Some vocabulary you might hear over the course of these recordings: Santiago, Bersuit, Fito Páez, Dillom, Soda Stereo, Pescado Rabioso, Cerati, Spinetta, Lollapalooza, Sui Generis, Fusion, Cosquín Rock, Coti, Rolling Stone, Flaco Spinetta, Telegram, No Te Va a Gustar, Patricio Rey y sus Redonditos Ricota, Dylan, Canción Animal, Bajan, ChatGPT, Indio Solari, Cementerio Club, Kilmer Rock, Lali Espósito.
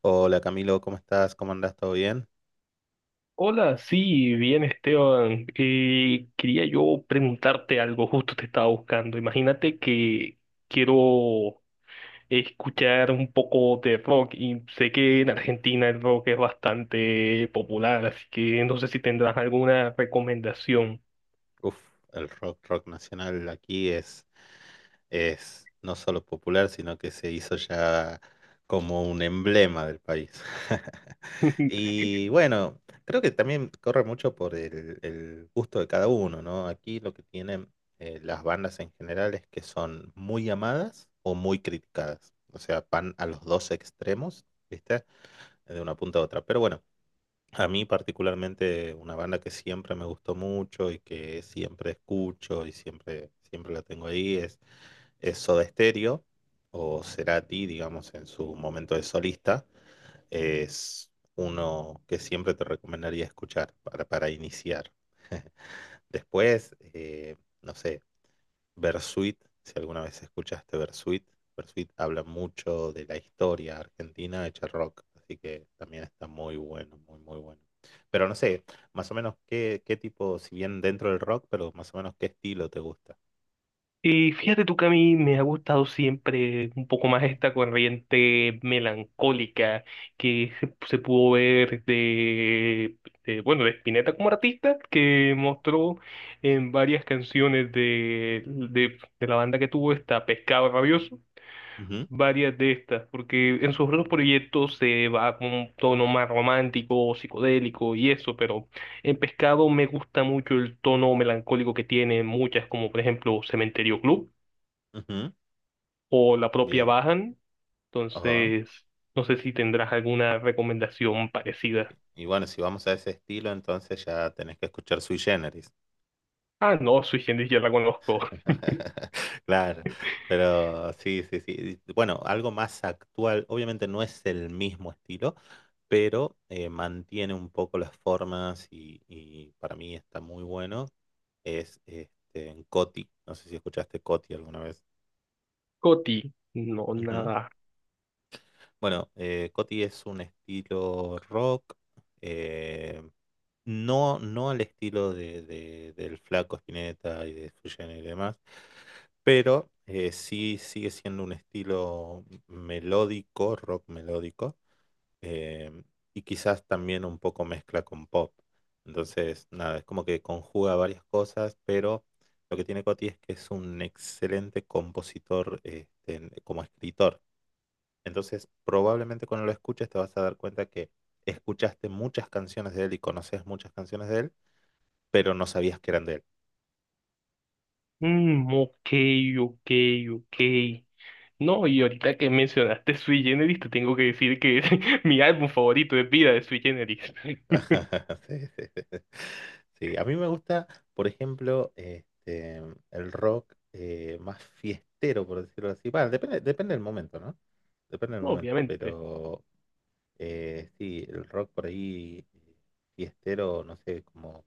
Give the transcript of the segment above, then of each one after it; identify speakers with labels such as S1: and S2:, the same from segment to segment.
S1: Hola Camilo, ¿cómo estás? ¿Cómo andás? ¿Todo bien?
S2: Hola, sí, bien Esteban. Quería yo preguntarte algo, justo te estaba buscando. Imagínate que quiero escuchar un poco de rock y sé que en Argentina el rock es bastante popular, así que no sé si tendrás alguna recomendación.
S1: Uf, el rock, rock nacional aquí es no solo popular, sino que se hizo ya como un emblema del país. Y bueno, creo que también corre mucho por el gusto de cada uno, ¿no? Aquí lo que tienen las bandas en general es que son muy amadas o muy criticadas. O sea, van a los dos extremos, ¿viste? De una punta a otra. Pero bueno. A mí particularmente una banda que siempre me gustó mucho y que siempre escucho y siempre, siempre la tengo ahí es Soda Stereo o Cerati, digamos, en su momento de solista. Es uno que siempre te recomendaría escuchar para iniciar. Después, no sé, Bersuit, si alguna vez escuchaste Bersuit, Bersuit habla mucho de la historia argentina hecha rock, así que también está muy bueno, muy, muy bueno. Pero no sé, más o menos qué, qué tipo, si bien dentro del rock, pero más o menos qué estilo te gusta.
S2: Y fíjate tú que a mí me ha gustado siempre un poco más esta corriente melancólica que se pudo ver de Spinetta como artista, que mostró en varias canciones de la banda que tuvo esta Pescado Rabioso,
S1: Ujú,
S2: varias de estas, porque en sus otros proyectos se va con un tono más romántico, psicodélico y eso, pero en Pescado me gusta mucho el tono melancólico que tiene muchas, como por ejemplo Cementerio Club
S1: ujú,
S2: o la propia
S1: bien.
S2: Bajan.
S1: Ajá.
S2: Entonces, no sé si tendrás alguna recomendación parecida.
S1: Y bueno, si vamos a ese estilo, entonces ya tenés que escuchar Sui Generis.
S2: Ah, no, Sui Generis ya la conozco.
S1: Claro, pero sí, sí, sí. Bueno, algo más actual, obviamente no es el mismo estilo, pero mantiene un poco las formas y para mí está muy bueno. Es este, en Coti, no sé si escuchaste Coti alguna vez.
S2: Coti, no,
S1: Ujú.
S2: nada.
S1: Bueno, Coti es un estilo rock, eh, no al estilo de del Flaco Spinetta y de Fusion y demás, pero sí sigue siendo un estilo melódico, rock melódico, eh, y quizás también un poco mezcla con pop. Entonces, nada, es como que conjuga varias cosas, pero lo que tiene Coti es que es un excelente compositor, este, como escritor. Entonces, probablemente cuando lo escuches te vas a dar cuenta que escuchaste muchas canciones de él y conoces muchas canciones de él, pero no sabías que eran de él.
S2: Mm, ok, ok, ok. No, y ahorita que mencionaste Sui Generis, te tengo que decir que es mi álbum favorito de vida de Sui Generis.
S1: Sí, sí, sí. Sí, sí, a mí me gusta, por ejemplo, este, el rock más fiestero, por decirlo así. Bueno, depende, depende del momento, ¿no? Depende del momento,
S2: Obviamente.
S1: pero sí, el rock por ahí fiestero, no sé, como...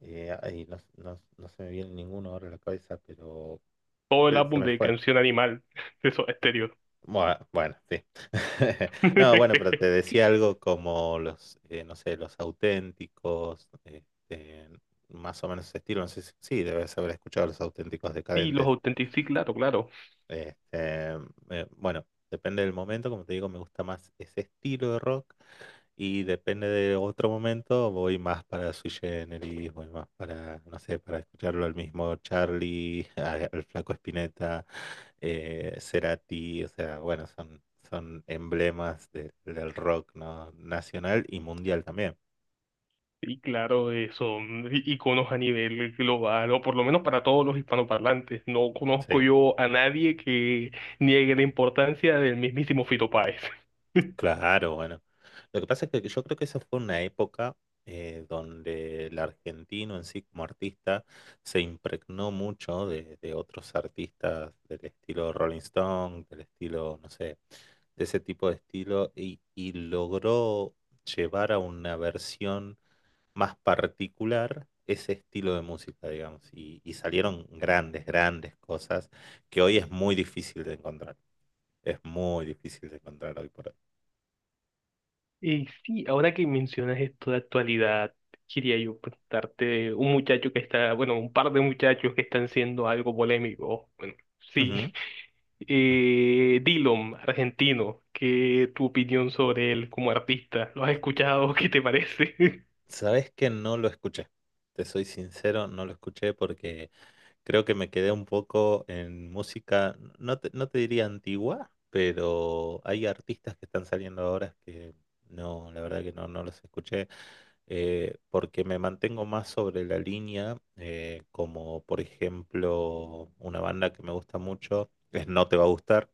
S1: ay, no, no no se me viene ninguno ahora a la cabeza, pero...
S2: Todo el
S1: Se
S2: álbum
S1: me
S2: de
S1: fue.
S2: Canción Animal de Soda Stereo.
S1: Bueno, bueno, sí. No, bueno, pero te decía algo como los, no sé, los auténticos, este, más o menos ese estilo. No sé si, sí, debes haber escuchado los auténticos
S2: Sí, los
S1: decadentes.
S2: Authentic, sí, claro, claro.
S1: Este, bueno, depende del momento, como te digo, me gusta más ese estilo de rock. Y depende de otro momento, voy más para Sui Generis, voy más para, no sé, para escucharlo al mismo Charlie, al Flaco Spinetta, Cerati, o sea, bueno, son, son emblemas del rock, ¿no? Nacional y mundial también.
S2: Sí, claro, son iconos a nivel global, o por lo menos para todos los hispanoparlantes. No conozco
S1: Sí.
S2: yo a nadie que niegue la importancia del mismísimo Fito Páez.
S1: Claro, bueno. Lo que pasa es que yo creo que esa fue una época donde el argentino en sí como artista se impregnó mucho de otros artistas del estilo Rolling Stone, del estilo, no sé, de ese tipo de estilo y logró llevar a una versión más particular ese estilo de música, digamos, y salieron grandes, grandes cosas que hoy es muy difícil de encontrar. Es muy difícil de encontrar hoy por
S2: Y sí, ahora que mencionas esto de actualidad, quería yo preguntarte un muchacho que está, bueno, un par de muchachos que están siendo algo polémico. Bueno, sí,
S1: hoy.
S2: Dillom, argentino, ¿qué tu opinión sobre él como artista? ¿Lo has escuchado? ¿Qué te parece?
S1: Sabes que no lo escuché. Te soy sincero, no lo escuché porque creo que me quedé un poco en música, no te diría antigua, pero hay artistas que están saliendo ahora que no, la verdad que no, no los escuché, porque me mantengo más sobre la línea, como por ejemplo una banda que me gusta mucho, es No Te Va a Gustar.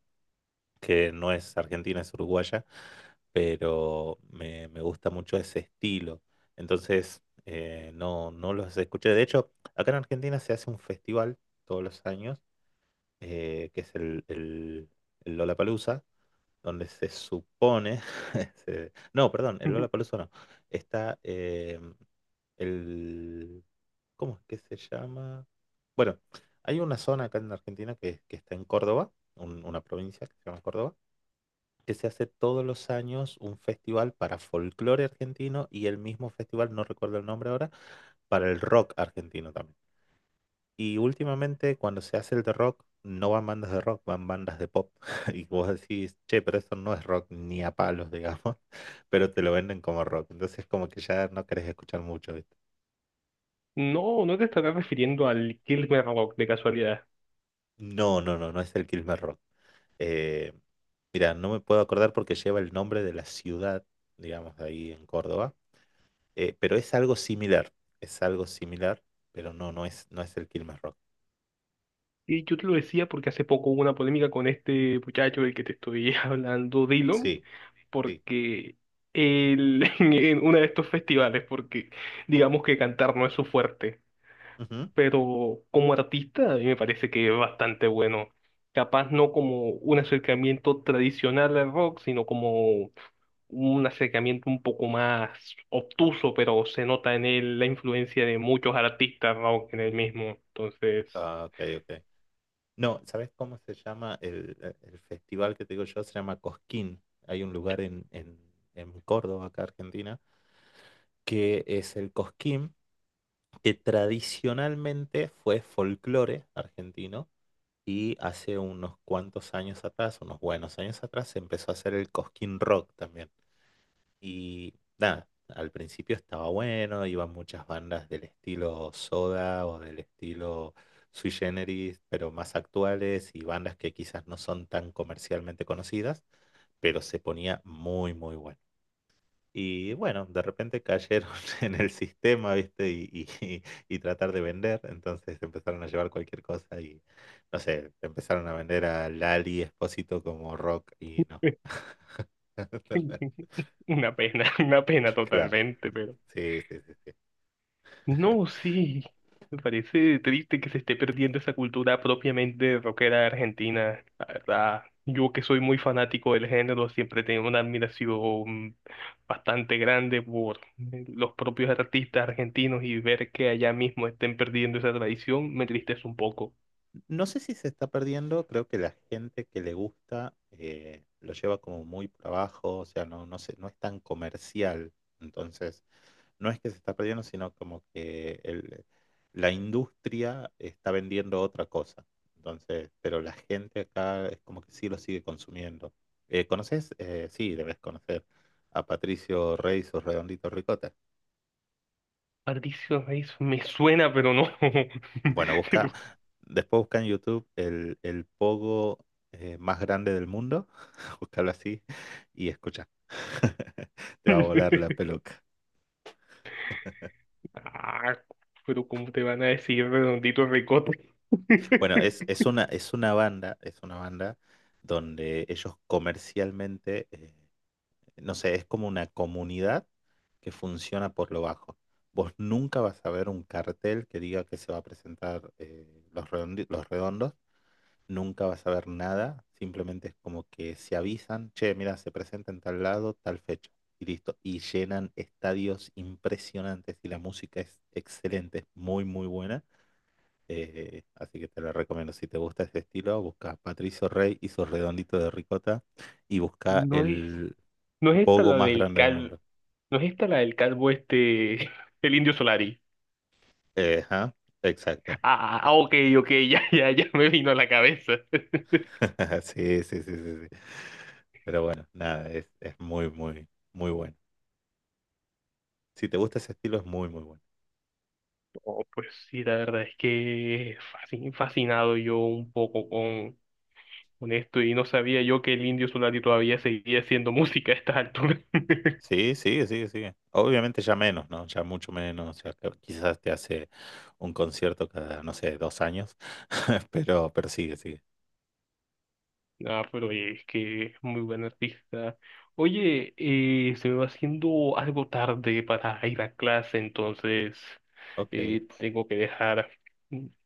S1: Que no es argentina, es uruguaya, pero me gusta mucho ese estilo. Entonces, no, no los escuché. De hecho, acá en Argentina se hace un festival todos los años, que es el Lollapalooza, donde se supone, se- no, perdón, el Lollapalooza no, está el, ¿cómo es que se llama? Bueno, hay una zona acá en Argentina que está en Córdoba, una provincia que se llama Córdoba que se hace todos los años un festival para folclore argentino y el mismo festival, no recuerdo el nombre ahora, para el rock argentino también. Y últimamente cuando se hace el de rock, no van bandas de rock, van bandas de pop. Y vos decís, che, pero eso no es rock ni a palos, digamos, pero te lo venden como rock. Entonces como que ya no querés escuchar mucho, ¿viste?
S2: No, no te estarás refiriendo al Kilmer Rock de casualidad.
S1: No, no, no, no es el Kilmer Rock. Eh, mira, no me puedo acordar porque lleva el nombre de la ciudad, digamos, de ahí en Córdoba. Pero es algo similar, pero no, no es, no es el Kilmer Rock.
S2: Y yo te lo decía porque hace poco hubo una polémica con este muchacho del que te estoy hablando, Dylan,
S1: Sí, sí.
S2: porque él en uno de estos festivales, porque digamos que cantar no es su fuerte,
S1: Ujú.
S2: pero como artista a mí me parece que es bastante bueno. Capaz no como un acercamiento tradicional al rock, sino como un acercamiento un poco más obtuso, pero se nota en él la influencia de muchos artistas rock en él mismo. Entonces,
S1: Ah, ok, ok. No, ¿sabes cómo se llama el festival que te digo yo? Se llama Cosquín. Hay un lugar en Córdoba, acá Argentina, que es el Cosquín, que tradicionalmente fue folclore argentino y hace unos cuantos años atrás, unos buenos años atrás, se empezó a hacer el Cosquín Rock también. Y nada, al principio estaba bueno, iban muchas bandas del estilo Soda o del estilo Sui Generis, pero más actuales y bandas que quizás no son tan comercialmente conocidas, pero se ponía muy, muy bueno. Y bueno, de repente cayeron en el sistema, ¿viste? Y tratar de vender, entonces empezaron a llevar cualquier cosa y, no sé, empezaron a vender a Lali Espósito como rock y no.
S2: una pena
S1: Claro,
S2: totalmente, pero...
S1: sí, sí, sí. Sí.
S2: No, sí, me parece triste que se esté perdiendo esa cultura propiamente rockera argentina, la verdad. Yo que soy muy fanático del género, siempre tengo una admiración bastante grande por los propios artistas argentinos y ver que allá mismo estén perdiendo esa tradición me entristece un poco.
S1: No sé si se está perdiendo, creo que la gente que le gusta lo lleva como muy por abajo, o sea, no, no sé, no es tan comercial. Entonces, no es que se está perdiendo, sino como que la industria está vendiendo otra cosa. Entonces, pero la gente acá es como que sí lo sigue consumiendo. ¿Conoces? Sí, debes conocer a Patricio Rey y sus Redonditos Ricota.
S2: Patricio Reyes me suena, pero no.
S1: Bueno,
S2: Te
S1: busca,
S2: lo-
S1: después busca en YouTube el pogo más grande del mundo, búscalo así y escucha. Te va a volar la peluca.
S2: Ah, pero ¿cómo te van a decir redondito ricote?
S1: Bueno, es una banda donde ellos comercialmente, no sé, es como una comunidad que funciona por lo bajo. Vos nunca vas a ver un cartel que diga que se va a presentar los los redondos nunca vas a ver nada, simplemente es como que se avisan, che, mira, se presenta en tal lado, tal fecha, y listo, y llenan estadios impresionantes y la música es excelente, es muy, muy buena. Eh, así que te la recomiendo. Si te gusta ese estilo, busca Patricio Rey y su redondito de ricota y busca
S2: No es
S1: el
S2: No es esta
S1: pogo
S2: la
S1: más
S2: del
S1: grande del
S2: calvo,
S1: mundo.
S2: no es esta la del calvo este, el Indio Solari.
S1: Ajá, exacto.
S2: Ah, ah, ok, ok, ya, ya, ya me vino a la cabeza.
S1: Sí, sí, sí, sí, sí. Pero bueno, nada, es muy, muy, muy bueno. Si te gusta ese estilo, es muy, muy bueno.
S2: Oh, pues sí, la verdad es que fascinado yo un poco con esto y no sabía yo que el Indio Solari todavía seguía haciendo música a estas alturas.
S1: Sí, sigue, sigue, sigue. Obviamente ya menos, ¿no? Ya mucho menos. Ya que quizás te hace un concierto cada, no sé, 2 años. Pero sigue, sigue.
S2: Ah, pero es que es muy buen artista. Oye, se me va haciendo algo tarde para ir a clase, entonces
S1: Ok.
S2: tengo que dejar.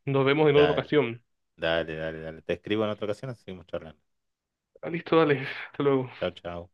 S2: Nos vemos en otra
S1: Dale,
S2: ocasión.
S1: dale, dale, dale. Te escribo en otra ocasión, así seguimos charlando.
S2: Ah, listo, dale. Hasta luego.
S1: Chao, chao.